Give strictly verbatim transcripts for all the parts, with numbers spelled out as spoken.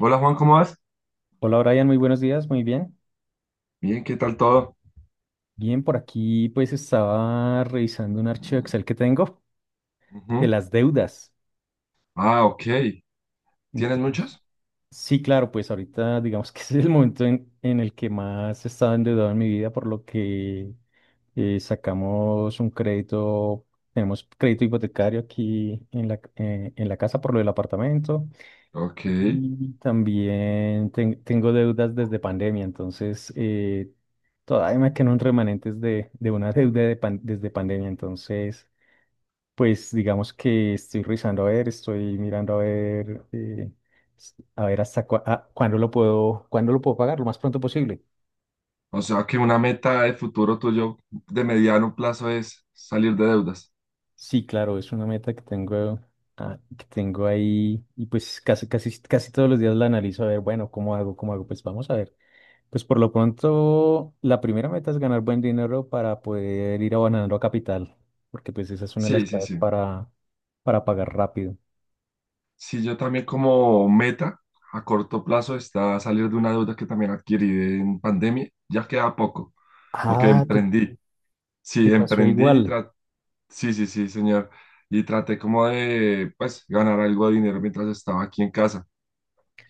Hola Juan, ¿cómo vas? Hola Brian, muy buenos días, muy bien. Bien, ¿qué tal todo? Bien, por aquí pues estaba revisando un archivo Mm, Excel que tengo de ujú. las deudas. Ah, ok. ¿Tienes Entonces, muchos? sí, claro, pues ahorita digamos que es el momento en, en el que más he estado endeudado en mi vida, por lo que eh, sacamos un crédito, tenemos crédito hipotecario aquí en la, eh, en la casa por lo del apartamento. Ok. Y también ten- tengo deudas desde pandemia, entonces eh, todavía me quedan remanentes de, de una deuda de pan- desde pandemia, entonces pues digamos que estoy revisando a ver, estoy mirando a ver, eh, s- a ver hasta cua- ah, cuándo lo puedo, cuándo lo puedo pagar, lo más pronto posible. O sea que una meta de futuro tuyo de mediano plazo es salir de deudas. Sí, claro, es una meta que tengo, ah, que tengo ahí y pues casi, casi, casi todos los días la analizo a ver, bueno, ¿cómo hago? ¿Cómo hago? Pues vamos a ver. Pues por lo pronto, la primera meta es ganar buen dinero para poder ir abonando a capital, porque pues esa es una de las Sí, sí, claves sí. para, para pagar rápido. Sí, yo también como meta a corto plazo está salir de una deuda que también adquirí en pandemia. Ya queda poco, porque Ah, te, emprendí. Sí, te pasó emprendí y igual. tra- Sí, sí, sí, señor. Y traté como de, pues, ganar algo de dinero mientras estaba aquí en casa.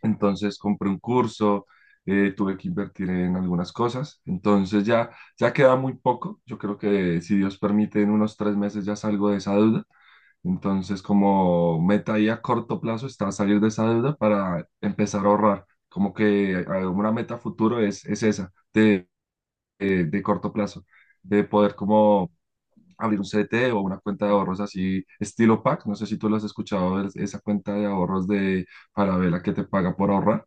Entonces compré un curso, eh, tuve que invertir en algunas cosas. Entonces ya, ya queda muy poco. Yo creo que si Dios permite, en unos tres meses ya salgo de esa deuda. Entonces como meta ahí a corto plazo está salir de esa deuda para empezar a ahorrar. Como que eh, una meta futuro es, es esa, de, eh, de corto plazo, de poder como abrir un C D T o una cuenta de ahorros así, estilo PAC. No sé si tú lo has escuchado, es- esa cuenta de ahorros de Falabella que te paga por ahorrar.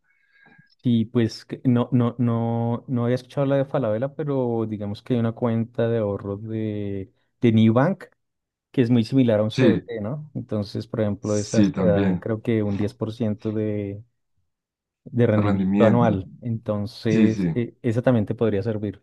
Sí, pues que no, no, no, no había escuchado la de Falabella, pero digamos que hay una cuenta de ahorros de, de Nubank que es muy similar a un Sí, C D T, ¿no? Entonces, por ejemplo, sí, esas te dan también, creo que un diez por ciento de, de de rendimiento rendimiento, anual. sí, Entonces, sí, e- esa también te podría servir.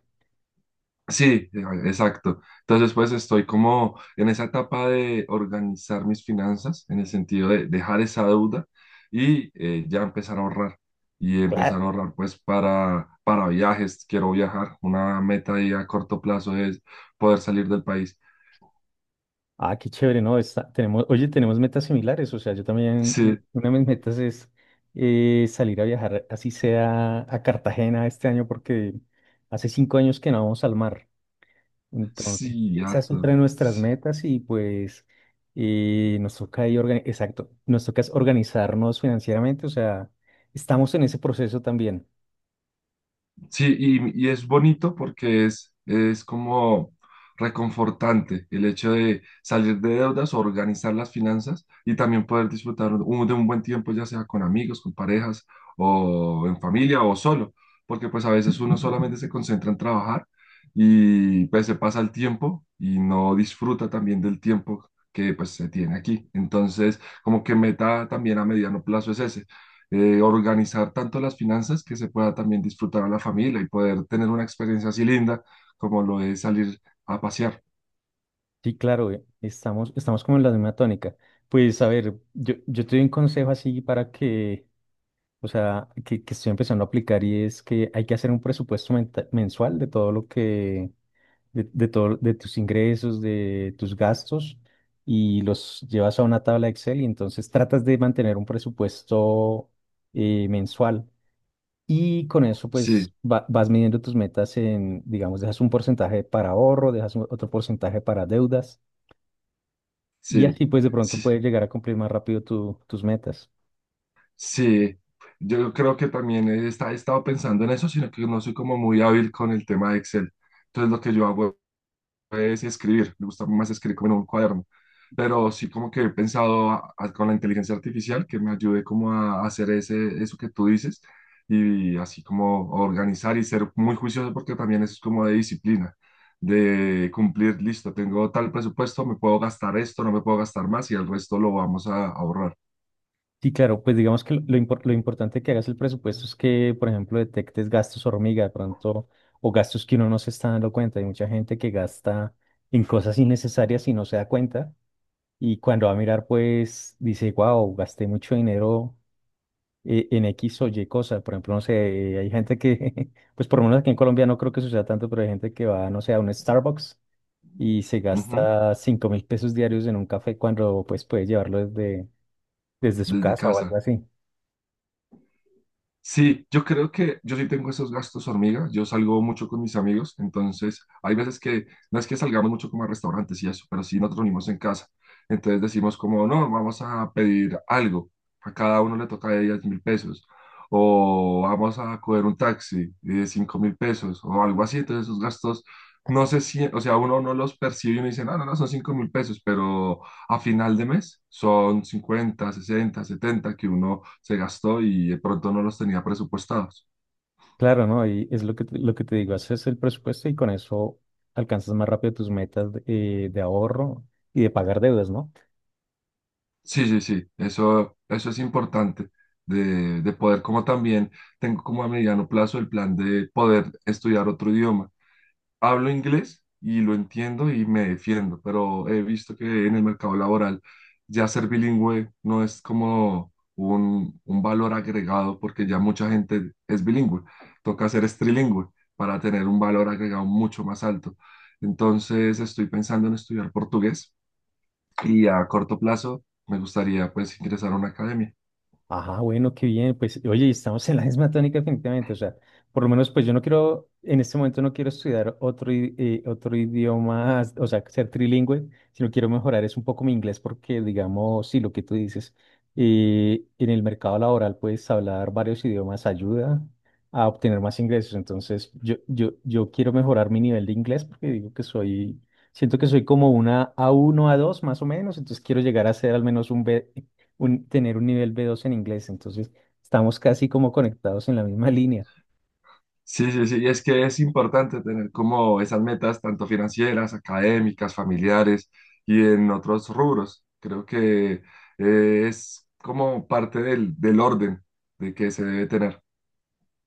sí, eh, exacto. Entonces, pues estoy como en esa etapa de organizar mis finanzas, en el sentido de dejar esa deuda y eh, ya empezar a ahorrar. Y empezar a ahorrar, pues, para, para viajes, quiero viajar. Una meta ahí a corto plazo es poder salir del país. Ah, qué chévere, ¿no? Está- tenemos, oye, tenemos metas similares. O sea, yo también, Sí, eh, una de mis metas es eh, salir a viajar, así sea a Cartagena este año, porque hace cinco años que no vamos al mar. Entonces, sí, esa es otra de harto. nuestras sí. metas y pues eh, nos toca ahí, organi- exacto, nos toca es organizarnos financieramente. O sea, estamos en ese proceso también. Sí, y, y es bonito porque es, es como reconfortante el hecho de salir de deudas, organizar las finanzas y también poder disfrutar un- de un buen tiempo, ya sea con amigos, con parejas o en familia o solo, porque pues a veces uno solamente se concentra en trabajar y pues se pasa el tiempo y no disfruta también del tiempo que pues se tiene aquí. Entonces, como que meta también a mediano plazo es ese eh, organizar tanto las finanzas que se pueda también disfrutar a la familia y poder tener una experiencia así linda como lo es salir a pasear. Sí, claro, eh, estamos, estamos como en la misma tónica. Pues a ver, yo, yo te doy un consejo así para que o sea, que, que estoy empezando a aplicar y es que hay que hacer un presupuesto menta- mensual de todo lo que, de, de todo, de tus ingresos, de tus gastos y los llevas a una tabla Excel y entonces tratas de mantener un presupuesto eh, mensual y con eso Sí, pues va- vas midiendo tus metas en, digamos, dejas un porcentaje para ahorro, dejas un- otro porcentaje para deudas y sí, así pues de pronto sí, puedes llegar a cumplir más rápido tu- tus metas. sí. Yo creo que también he, esta- he estado pensando en eso, sino que no soy como muy hábil con el tema de Excel. Entonces lo que yo hago es escribir, me gusta más escribir como en un cuaderno, pero sí como que he pensado a- a- con la inteligencia artificial que me ayude como a hacer ese, eso que tú dices y así como organizar y ser muy juicioso porque también eso es como de disciplina, de cumplir, listo, tengo tal presupuesto, me puedo gastar esto, no me puedo gastar más y el resto lo vamos a ahorrar Sí, claro, pues digamos que lo, lo impor- lo importante que hagas el presupuesto es que, por ejemplo, detectes gastos hormiga de pronto o gastos que uno no se está dando cuenta. Hay mucha gente que gasta en cosas innecesarias y no se da cuenta. Y cuando va a mirar, pues dice, wow, gasté mucho dinero eh, en X o Y cosa. Por ejemplo, no sé, hay gente que, pues por lo menos aquí en Colombia no creo que suceda tanto, pero hay gente que va, no sé, a un Starbucks y se Ujú, gasta cinco mil pesos diarios en un café cuando pues puede llevarlo desde, desde su desde casa o algo casa. así. Sí, yo creo que yo sí tengo esos gastos hormigas. Yo salgo mucho con mis amigos, entonces hay veces que no es que salgamos mucho como a restaurantes y eso, pero sí nos reunimos en casa. Entonces decimos como, no, vamos a pedir algo. A cada uno le toca de diez mil pesos. O vamos a coger un taxi de cinco mil pesos o algo así. Entonces esos gastos, no sé si, o sea, uno no los percibe y uno dice, no, no, no, son cinco mil pesos, pero a final de mes son cincuenta sesenta setenta que uno se gastó y de pronto no los tenía presupuestados. Claro, ¿no? Y es lo que, te- lo que te digo, haces el presupuesto y con eso alcanzas más rápido tus metas de, eh, de ahorro y de pagar deudas, ¿no? Sí, sí, sí, eso, eso es importante de, de, poder como también tengo como a mediano plazo el plan de poder estudiar otro idioma. Hablo inglés y lo entiendo y me defiendo, pero he visto que en el mercado laboral ya ser bilingüe no es como un, un valor agregado porque ya mucha gente es bilingüe. Toca ser es trilingüe para tener un valor agregado mucho más alto. Entonces estoy pensando en estudiar portugués y a corto plazo me gustaría pues ingresar a una academia. Ajá, bueno, qué bien. Pues, oye, y estamos en la misma tónica definitivamente. O sea, por lo menos, pues yo no quiero, en este momento no quiero estudiar otro, i- eh, otro idioma, o sea, ser trilingüe, sino quiero mejorar es un poco mi inglés porque, digamos, sí, lo que tú dices, eh, en el mercado laboral pues hablar varios idiomas, ayuda a obtener más ingresos. Entonces, yo, yo, yo quiero mejorar mi nivel de inglés porque digo que soy, siento que soy como una a uno a dos más o menos, entonces quiero llegar a ser al menos un b un- tener un nivel B dos en inglés. Entonces, estamos casi como conectados en la misma línea. Sí, sí, sí, y es que es importante tener como esas metas tanto financieras, académicas, familiares y en otros rubros. Creo que eh, es como parte del, del orden de que se debe tener.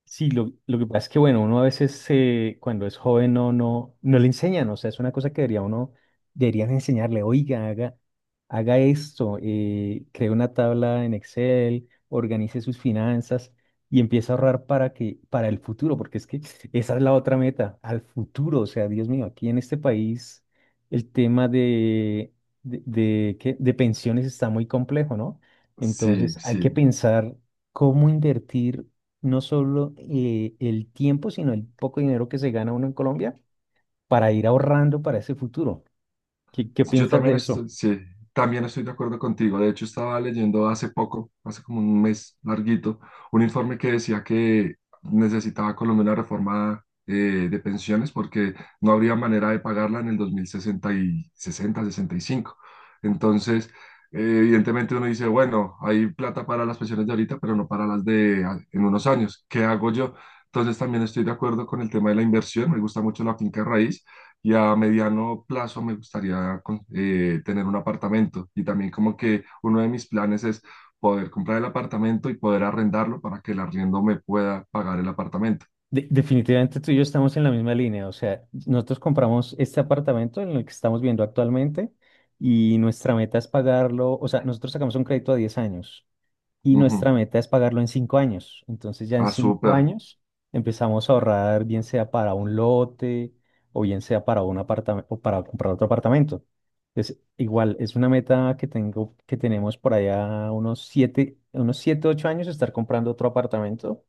Sí, lo, lo que pasa es que, bueno, uno a veces eh, cuando es joven no, no, no le enseñan, o sea, es una cosa que debería uno, deberían enseñarle, oiga, haga, haga esto, eh, cree una tabla en Excel, organice sus finanzas y empiece a ahorrar para que, para el futuro, porque es que esa es la otra meta, al futuro, o sea, Dios mío, aquí en este país el tema de, de, de, ¿qué? De pensiones está muy complejo, ¿no? Sí, Entonces hay sí. que pensar cómo invertir no solo eh, el tiempo, sino el poco dinero que se gana uno en Colombia para ir ahorrando para ese futuro. ¿Qué, qué Yo piensas de también estoy, eso? sí, también estoy de acuerdo contigo. De hecho, estaba leyendo hace poco, hace como un mes larguito, un informe que decía que necesitaba Colombia una reforma eh, de pensiones porque no habría manera de pagarla en el dos mil sesenta y sesenta, sesenta y cinco. Entonces, eh, evidentemente uno dice, bueno, hay plata para las pensiones de ahorita, pero no para las de a- en unos años. ¿Qué hago yo? Entonces, también estoy de acuerdo con el tema de la inversión. Me gusta mucho la finca raíz y a mediano plazo me gustaría con- eh, tener un apartamento. Y también como que uno de mis planes es poder comprar el apartamento y poder arrendarlo para que el arriendo me pueda pagar el apartamento. De- definitivamente tú y yo estamos en la misma línea. O sea, nosotros compramos este apartamento en el que estamos viendo actualmente y nuestra meta es pagarlo. O sea, nosotros sacamos un crédito a diez años, y nuestra Ujú. meta es pagarlo en cinco años. Entonces ya en Ah, cinco súper. años empezamos a ahorrar, bien sea para un lote o bien sea para un apartamento o para comprar otro apartamento. Entonces, igual es una meta que tengo, que tenemos por allá unos siete, unos siete, ocho años estar comprando otro apartamento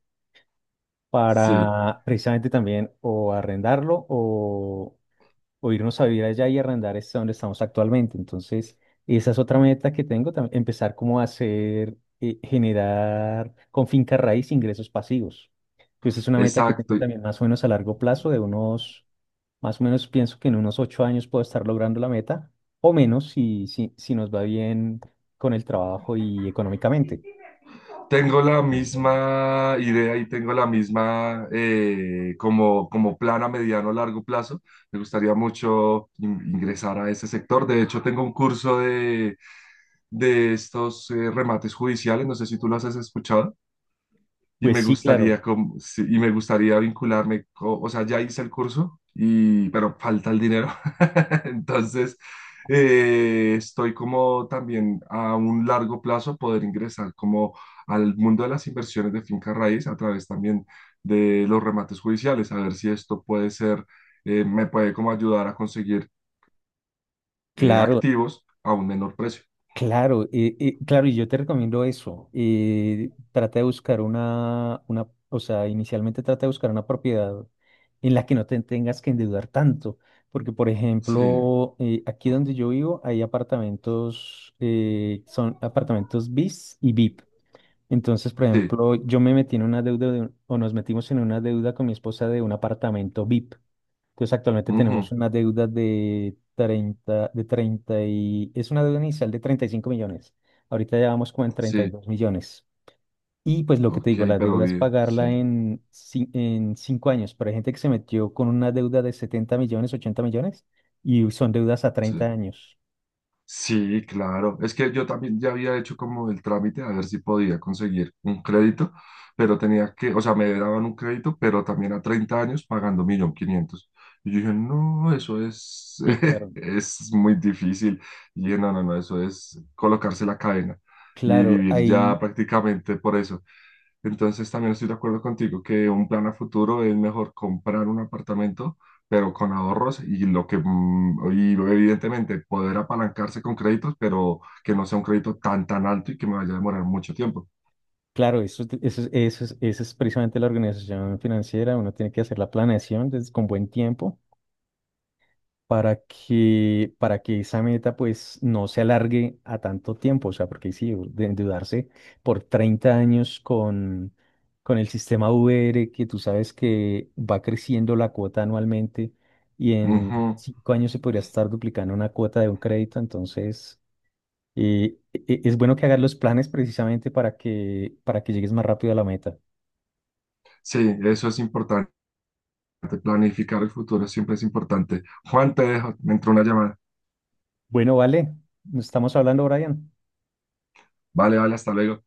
Sí, para precisamente también o arrendarlo o o irnos a vivir allá y arrendar es donde estamos actualmente. Entonces, esa es otra meta que tengo, tam- empezar como a hacer, eh, generar con finca raíz ingresos pasivos. Entonces, es una meta que tengo exacto. también más o menos a largo plazo, de unos, más o menos pienso que en unos ocho años puedo estar logrando la meta, o menos si, si, si nos va bien con el trabajo y económicamente. Tengo la misma idea y tengo la misma eh, como, como plan a mediano o largo plazo. Me gustaría mucho in- ingresar a ese sector. De hecho, tengo un curso de, de, estos eh, remates judiciales. No sé si tú los has escuchado. Y Pues me sí, claro, gustaría, com- sí, y me gustaría vincularme, co- o sea, ya hice el curso, y, pero falta el dinero. Entonces, eh, estoy como también a un largo plazo poder ingresar como al mundo de las inversiones de finca raíz a través también de los remates judiciales, a ver si esto puede ser, eh, me puede como ayudar a conseguir eh, claro. activos a un menor precio. Claro, eh, eh, claro, y yo te recomiendo eso. Eh, trata de buscar una, una, o sea, inicialmente trata de buscar una propiedad en la que no te tengas que endeudar tanto, porque por Sí, ejemplo, eh, aquí donde yo vivo hay apartamentos, eh, son apartamentos BIS y VIP. Entonces, por sí, ejemplo, yo me metí en una deuda, de un- o nos metimos en una deuda con mi esposa de un apartamento VIP. Entonces actualmente ujú, tenemos una deuda de treinta de treinta y es una deuda inicial de treinta y cinco millones. Ahorita ya vamos como en treinta y sí, dos millones. Y pues lo que te ok, digo, la pero deuda es bien, pagarla sí, en, cin- en cinco años. Pero hay gente que se metió con una deuda de setenta millones, ochenta millones y son deudas a sí. treinta años. Sí, claro. Es que yo también ya había hecho como el trámite a ver si podía conseguir un crédito, pero tenía que, o sea, me daban un crédito, pero también a treinta años pagando un millón quinientos. Y yo dije, no, eso es, Sí, claro. es muy difícil. Y dije, no, no, no, eso es colocarse la cadena y Claro, vivir ya ahí, prácticamente por eso. Entonces también estoy de acuerdo contigo que un plan a futuro es mejor comprar un apartamento pero con ahorros y lo que, mm, y evidentemente poder apalancarse con créditos, pero que no sea un crédito tan, tan alto y que me vaya a demorar mucho tiempo. claro, eso, es- eso, es- eso, es- eso es precisamente la organización financiera. Uno tiene que hacer la planeación desde, con buen tiempo para que, para que esa meta pues no se alargue a tanto tiempo, o sea, porque sí, de endeudarse por treinta años con, con el sistema V R, que tú sabes que va creciendo la cuota anualmente y en Ujú. cinco años se podría estar duplicando una cuota de un crédito, entonces eh, e- e- es bueno que hagas los planes precisamente para que, para que llegues más rápido a la meta. Sí, eso es importante. Planificar el futuro siempre es importante. Juan, te dejo, me entró una llamada. Bueno, vale, nos estamos hablando, Brian. Vale, vale, hasta luego.